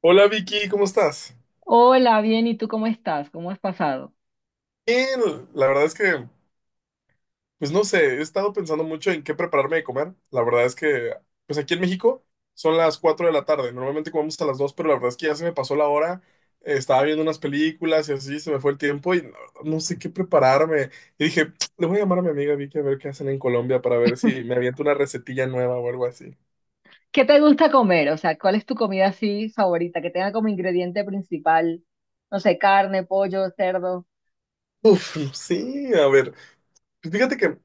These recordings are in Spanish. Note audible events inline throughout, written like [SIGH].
Hola Vicky, ¿cómo estás? Hola, bien, ¿y tú cómo estás? ¿Cómo has pasado? Bien, la verdad es que, pues no sé, he estado pensando mucho en qué prepararme de comer. La verdad es que, pues aquí en México son las 4 de la tarde. Normalmente comemos a las 2, pero la verdad es que ya se me pasó la hora. Estaba viendo unas películas y así se me fue el tiempo y no, no sé qué prepararme. Y dije, [TSK] le voy a llamar a mi amiga Vicky a ver qué hacen en Colombia para ver si me aviento una recetilla nueva o algo así. ¿Qué te gusta comer? O sea, ¿cuál es tu comida así favorita que tenga como ingrediente principal, no sé, carne, pollo, cerdo, Uf, [LAUGHS] no sé, a ver, pues fíjate que,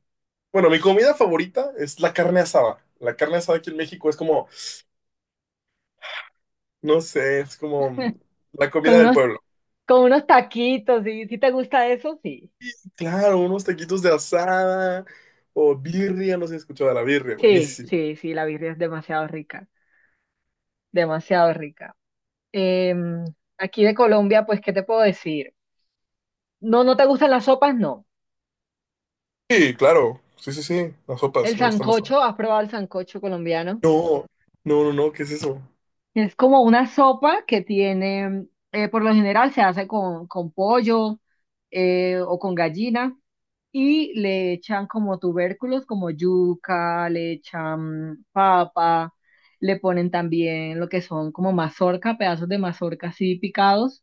bueno, mi comida favorita es la carne asada. La carne asada aquí en México es como, no sé, es como la con comida del unos, pueblo. con unos taquitos, ¿sí? ¿Sí te gusta eso? Sí, Claro, unos taquitos de asada o birria. No sé si has escuchado de la birria, sí, buenísimo. sí, sí, la birria es demasiado rica, demasiado rica. Em, Aquí de Colombia, pues, ¿qué te puedo decir? No, ¿no te gustan las sopas? No. Sí, claro, sí, sí, sí, las sopas ¿El me gustan bastante. sancocho? ¿Has probado el sancocho colombiano? No, no, no, no, ¿qué es eso? Es como una sopa que tiene, por lo general se hace con pollo o con gallina y le echan como tubérculos como yuca, le echan papa, le ponen también lo que son como mazorca, pedazos de mazorca así picados,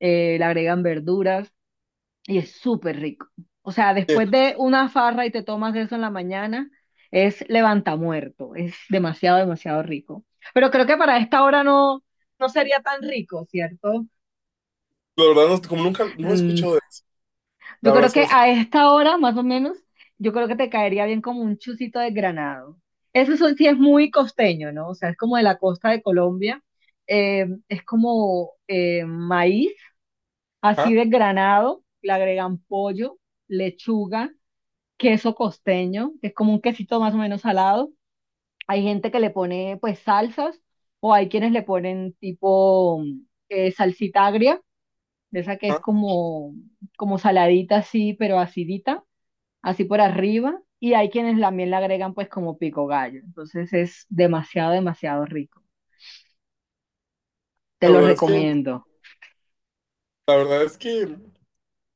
le agregan verduras. Y es súper rico. O sea, Eh, después de una farra y te tomas eso en la mañana, es levantamuerto. Es demasiado, demasiado rico. Pero creo que para esta hora no, no sería tan rico, ¿cierto? La verdad, no, como nunca, no he Mm, escuchado de eso. La yo verdad creo es que que no sé. a esta hora, más o menos, yo creo que te caería bien como un chucito de granado. Sí es muy costeño, ¿no? O sea, es como de la costa de Colombia. Es como maíz, así Ajá, de granado, le agregan pollo, lechuga, queso costeño, que es como un quesito más o menos salado. Hay gente que le pone pues salsas o hay quienes le ponen tipo salsita agria, de esa que es ajá. como, como saladita así, pero acidita, así por arriba. Y hay quienes también le agregan pues como pico gallo. Entonces es demasiado, demasiado rico. Te La lo verdad es que, recomiendo. la verdad es que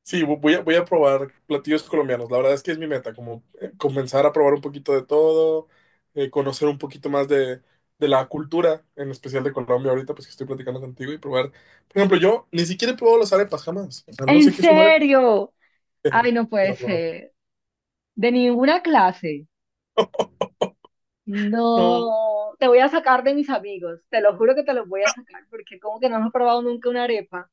sí, voy a probar platillos colombianos. La verdad es que es mi meta, como comenzar a probar un poquito de todo, conocer un poquito más de la cultura, en especial de Colombia ahorita, pues que estoy platicando contigo, y probar. Por ejemplo, yo ni siquiera he probado las arepas jamás. O sea, no ¿En sé qué es una arepa. serio? Eh, Ay, no puede ¿la probaste? ser. De ninguna clase. No, No, te voy a sacar de mis amigos, te lo juro que te los voy a sacar, porque como que no hemos probado nunca una arepa.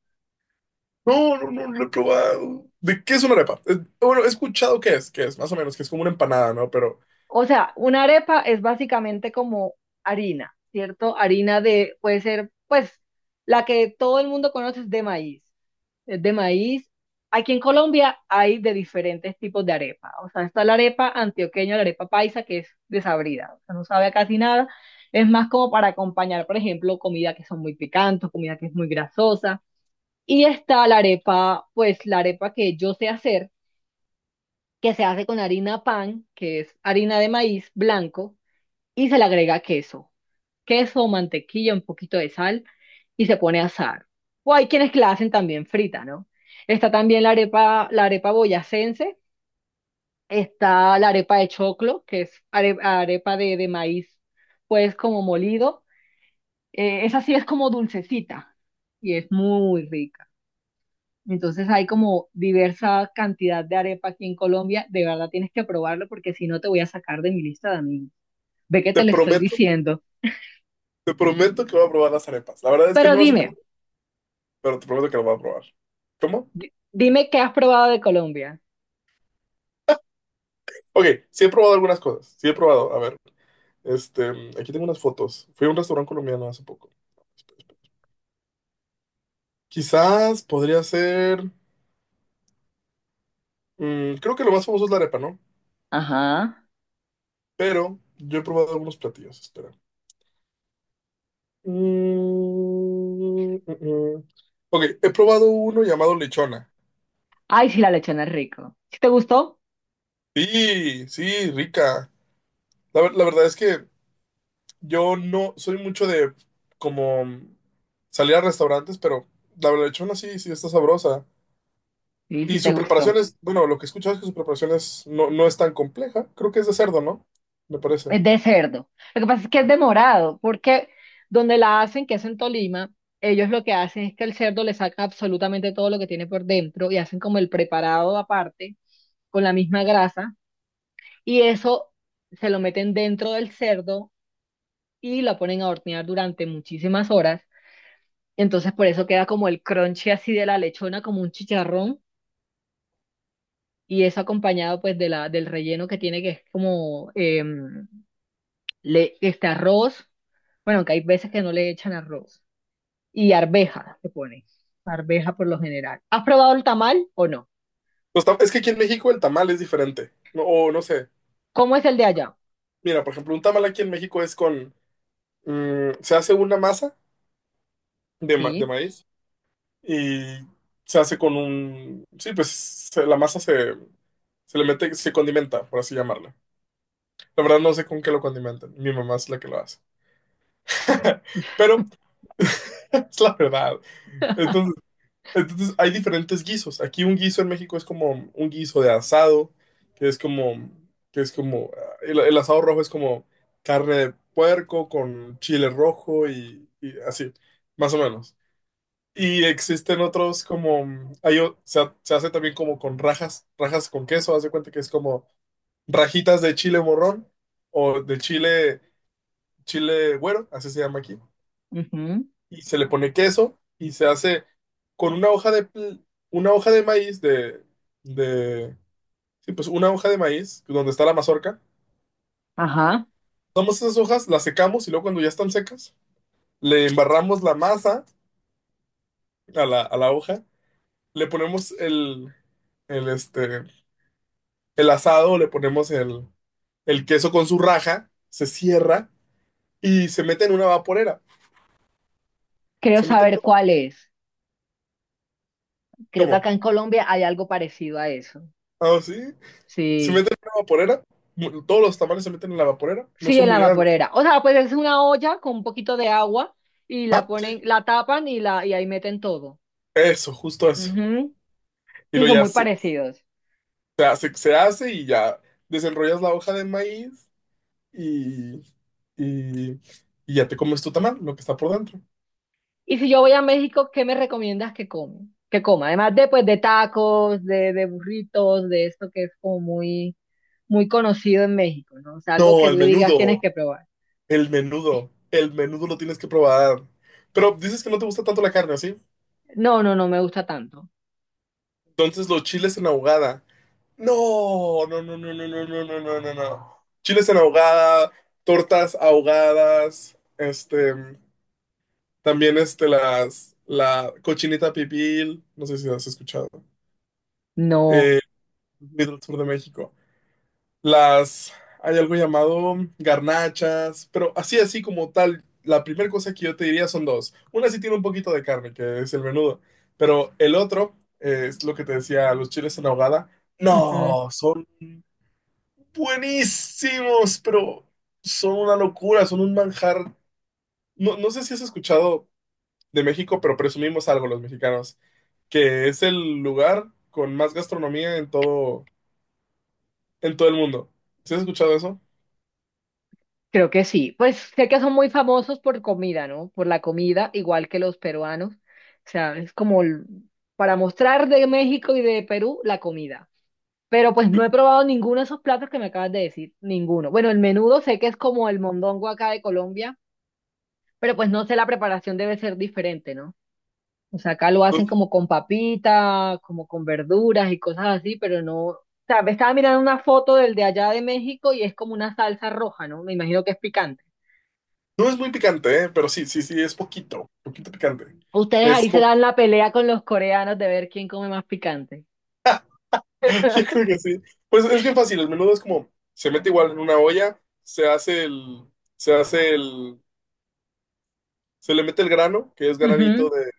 no, no, no, lo he probado. ¿De qué es una arepa? Bueno, he escuchado qué es, más o menos, que es como una empanada, ¿no? Pero O sea, una arepa es básicamente como harina, ¿cierto? Harina de, puede ser, pues, la que todo el mundo conoce es de maíz. Es de maíz. Aquí en Colombia hay de diferentes tipos de arepa. O sea, está la arepa antioqueña, la arepa paisa, que es desabrida, o sea, no sabe a casi nada. Es más como para acompañar, por ejemplo, comida que son muy picantes, comida que es muy grasosa. Y está la arepa, pues la arepa que yo sé hacer, que se hace con harina pan, que es harina de maíz blanco, y se le agrega queso, queso, mantequilla, un poquito de sal, y se pone a asar. O hay quienes que la hacen también frita, ¿no? Está también la arepa boyacense, está la arepa de choclo, que arepa de maíz, pues como molido. Esa sí es como dulcecita, y es muy rica. Entonces hay como diversa cantidad de arepa aquí en Colombia. De verdad tienes que probarlo porque si no te voy a sacar de mi lista de amigos. Ve que te te lo estoy prometo, diciendo. te prometo que voy a probar las arepas. La verdad es que Pero no las he dime, probado, pero te prometo que las voy a probar. ¿Cómo? Dime qué has probado de Colombia. Ok, sí he probado algunas cosas. Sí he probado. A ver, este, aquí tengo unas fotos. Fui a un restaurante colombiano hace poco. Quizás podría ser. Creo que lo más famoso es la arepa, ¿no? Ajá. Pero yo he probado algunos platillos. Espera. Mm, mm, mm. Ok, he probado uno llamado lechona. Ay, sí, la lechona es rico. ¿Sí te gustó? Sí, sí, rica. La verdad es que yo no soy mucho de, como, salir a restaurantes, pero la lechona sí, sí está sabrosa. Sí, sí Y te su gustó. preparación es, bueno, lo que he escuchado es que su preparación es, no, no es tan compleja. Creo que es de cerdo, ¿no? Me parece. Es de cerdo. Lo que pasa es que es de morado, porque donde la hacen, que es en Tolima, ellos lo que hacen es que el cerdo le saca absolutamente todo lo que tiene por dentro y hacen como el preparado aparte con la misma grasa. Y eso se lo meten dentro del cerdo y la ponen a hornear durante muchísimas horas. Entonces por eso queda como el crunchy así de la lechona, como un chicharrón. Y eso acompañado pues de la, del relleno que tiene, que es como le, este arroz. Bueno, que hay veces que no le echan arroz. Y arveja se pone. Arveja por lo general. ¿Has probado el tamal o no? Es que aquí en México el tamal es diferente. No, o no sé. ¿Cómo es el de allá? Mira, por ejemplo, un tamal aquí en México es con. Se hace una masa de Sí. maíz y se hace con un. Sí, pues la masa se le mete, se condimenta, por así llamarla. La verdad no sé con qué lo condimentan. Mi mamá es la que lo hace. [LAUGHS] Pero [LAUGHS] es la verdad. entonces Entonces hay diferentes guisos. Aquí un guiso en México es como un guiso de asado, que es como, que es como, el asado rojo es como carne de puerco con chile rojo y así, más o menos. Y existen otros como, hay, se hace también como con rajas, rajas con queso. Haz de cuenta que es como rajitas de chile morrón o de chile güero, así se llama aquí, Ujú. y se le pone queso y se hace con una hoja de maíz de, sí, pues una hoja de maíz donde está la mazorca. Ajá. Tomamos esas hojas, las secamos y luego cuando ya están secas, le embarramos la masa a la hoja. Le ponemos el, este, el asado, le ponemos el queso con su raja, se cierra y se mete en una vaporera. Creo Se meten saber to- cuál es. Creo que ¿cómo? acá en Colombia hay algo parecido a eso. Ah, sí. Se Sí, mete en una vaporera. Todos los tamales se meten en la vaporera. No sí, son en muy la grandes. vaporera. O sea, pues es una olla con un poquito de agua y Ah, la sí, ponen, la tapan y la y ahí meten todo. eso, justo eso. Ujú. Y Sí, lo son ya muy se, parecidos. se hace y ya desenrollas la hoja de maíz y, y, y ya te comes tu tamal, lo que está por dentro. Y si yo voy a México, ¿qué me recomiendas que come? Que coma, además de pues de tacos, de burritos, de esto que es como muy muy conocido en México, ¿no? O sea, algo No, que el tú digas tienes menudo, que probar. el menudo, el menudo lo tienes que probar. Pero dices que no te gusta tanto la carne, ¿o sí? No, no, no me gusta tanto. Entonces los chiles en ahogada. No, no, no, no, no, no, no, no, no, no, no. Chiles en ahogada, tortas ahogadas. También la cochinita pibil, no sé si has escuchado, No. eh, del sur de México. Las, hay algo llamado garnachas, pero así, así como tal, la primera cosa que yo te diría son dos. Una sí tiene un poquito de carne, que es el menudo, pero el otro, es lo que te decía, los chiles en ahogada, Ujú. no, son buenísimos, pero son una locura, son un manjar. No, no sé si has escuchado de México, pero presumimos algo los mexicanos, que es el lugar con más gastronomía en todo, el mundo. ¿Sí has escuchado eso? Creo que sí. Pues sé que son muy famosos por comida, ¿no? Por la comida, igual que los peruanos. O sea, para mostrar de México y de Perú la comida. Pero pues no he probado ninguno de esos platos que me acabas de decir, ninguno. Bueno, el menudo sé que es como el mondongo acá de Colombia, pero pues no sé, la preparación debe ser diferente, ¿no? O sea, acá lo No, hacen como con papita, como con verduras y cosas así, pero no. O sea, me estaba mirando una foto del de allá de México y es como una salsa roja, ¿no? Me imagino que es picante. no es muy picante, ¿eh? Pero sí, sí, sí, es poquito, poquito picante. Ustedes Es ahí se como, dan la pelea con los coreanos de ver quién come más picante. [LAUGHS] yo creo [LAUGHS] que sí. Pues es bien fácil, el menudo es como, se mete igual en una olla, se hace el, se hace el, se le mete el grano, que es granito Ujú, de.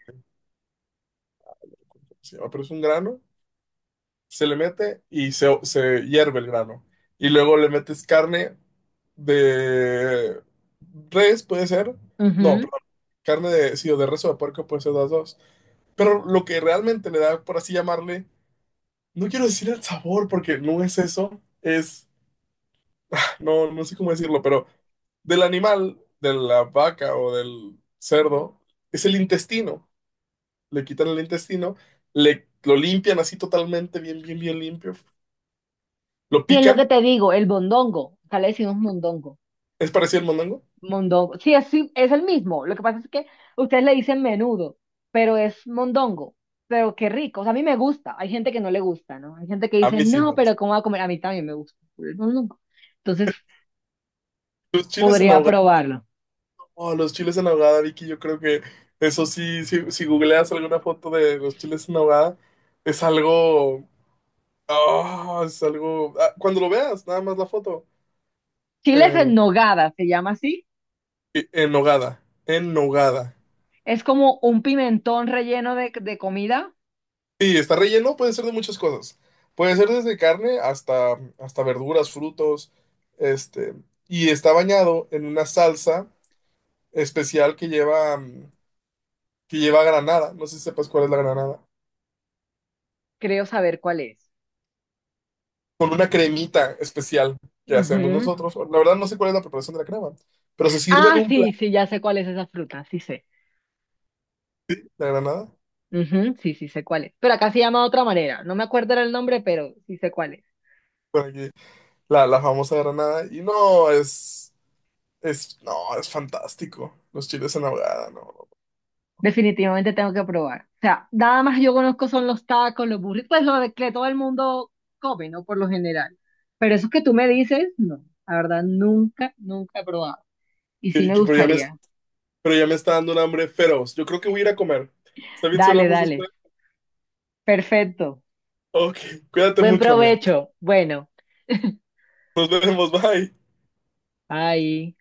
¿Cómo se llama? Pero es un grano. Se le mete y se hierve el grano. Y luego le metes carne de res, puede ser. No, ujú. perdón. Carne de, sí, o de res o de puerco, puede ser las dos. Pero lo que realmente le da, por así llamarle, no quiero decir el sabor porque no es eso, es, no, no sé cómo decirlo, pero del animal, de la vaca o del cerdo, es el intestino. Le quitan el intestino, lo limpian así totalmente, bien, bien, bien limpio, lo Sí, es lo que pican. te digo, el mondongo. Acá le decimos mondongo. ¿Es parecido al mondongo? Mondongo. Sí, es el mismo. Lo que pasa es que ustedes le dicen menudo, pero es mondongo. Pero qué rico. O sea, a mí me gusta. Hay gente que no le gusta, ¿no? Hay gente que A dice, mí sí me no, pero gusta. ¿cómo va a comer? A mí también me gusta el mondongo. Entonces, Los chiles en podría ahogada, probarlo. oh, los chiles en ahogada, Vicky, yo creo que eso sí, si googleas alguna foto de los chiles en ahogada, es algo, es algo, cuando lo veas, nada más la foto, Chiles em, en nogada, se llama así. En hogada, en hogada. Es como un pimentón relleno de comida. Sí, está relleno, puede ser de muchas cosas. Puede ser desde carne hasta, verduras, frutos, este, y está bañado en una salsa especial que lleva granada, no sé si sepas cuál es la granada. Creo saber cuál es. Con una cremita especial que hacemos Ujú. nosotros. La verdad no sé cuál es la preparación de la crema, pero se sirve en Ah, un sí, plato sí, ya sé cuál es esa fruta, sí sé. la granada. Ujú, sí, sí sé cuál es. Pero acá se llama de otra manera. No me acuerdo ahora el nombre, pero sí sé cuál es. Por aquí, la famosa granada, y no, es fantástico. Los chiles en ahogada, no. No. Definitivamente tengo que probar. O sea, nada más yo conozco son los tacos, los burritos, pues lo de que todo el mundo come, ¿no? Por lo general. Pero eso que tú me dices, no. La verdad, nunca, nunca he probado. Y Y- sí y- me Pero ya me, gustaría. pero ya me está dando un hambre feroz. Yo creo que voy a ir a comer. ¿Está bien si Dale, hablamos dale. después? Perfecto. Ok, cuídate Buen mucho, amigo. provecho. Bueno, Nos vemos, bye. bye.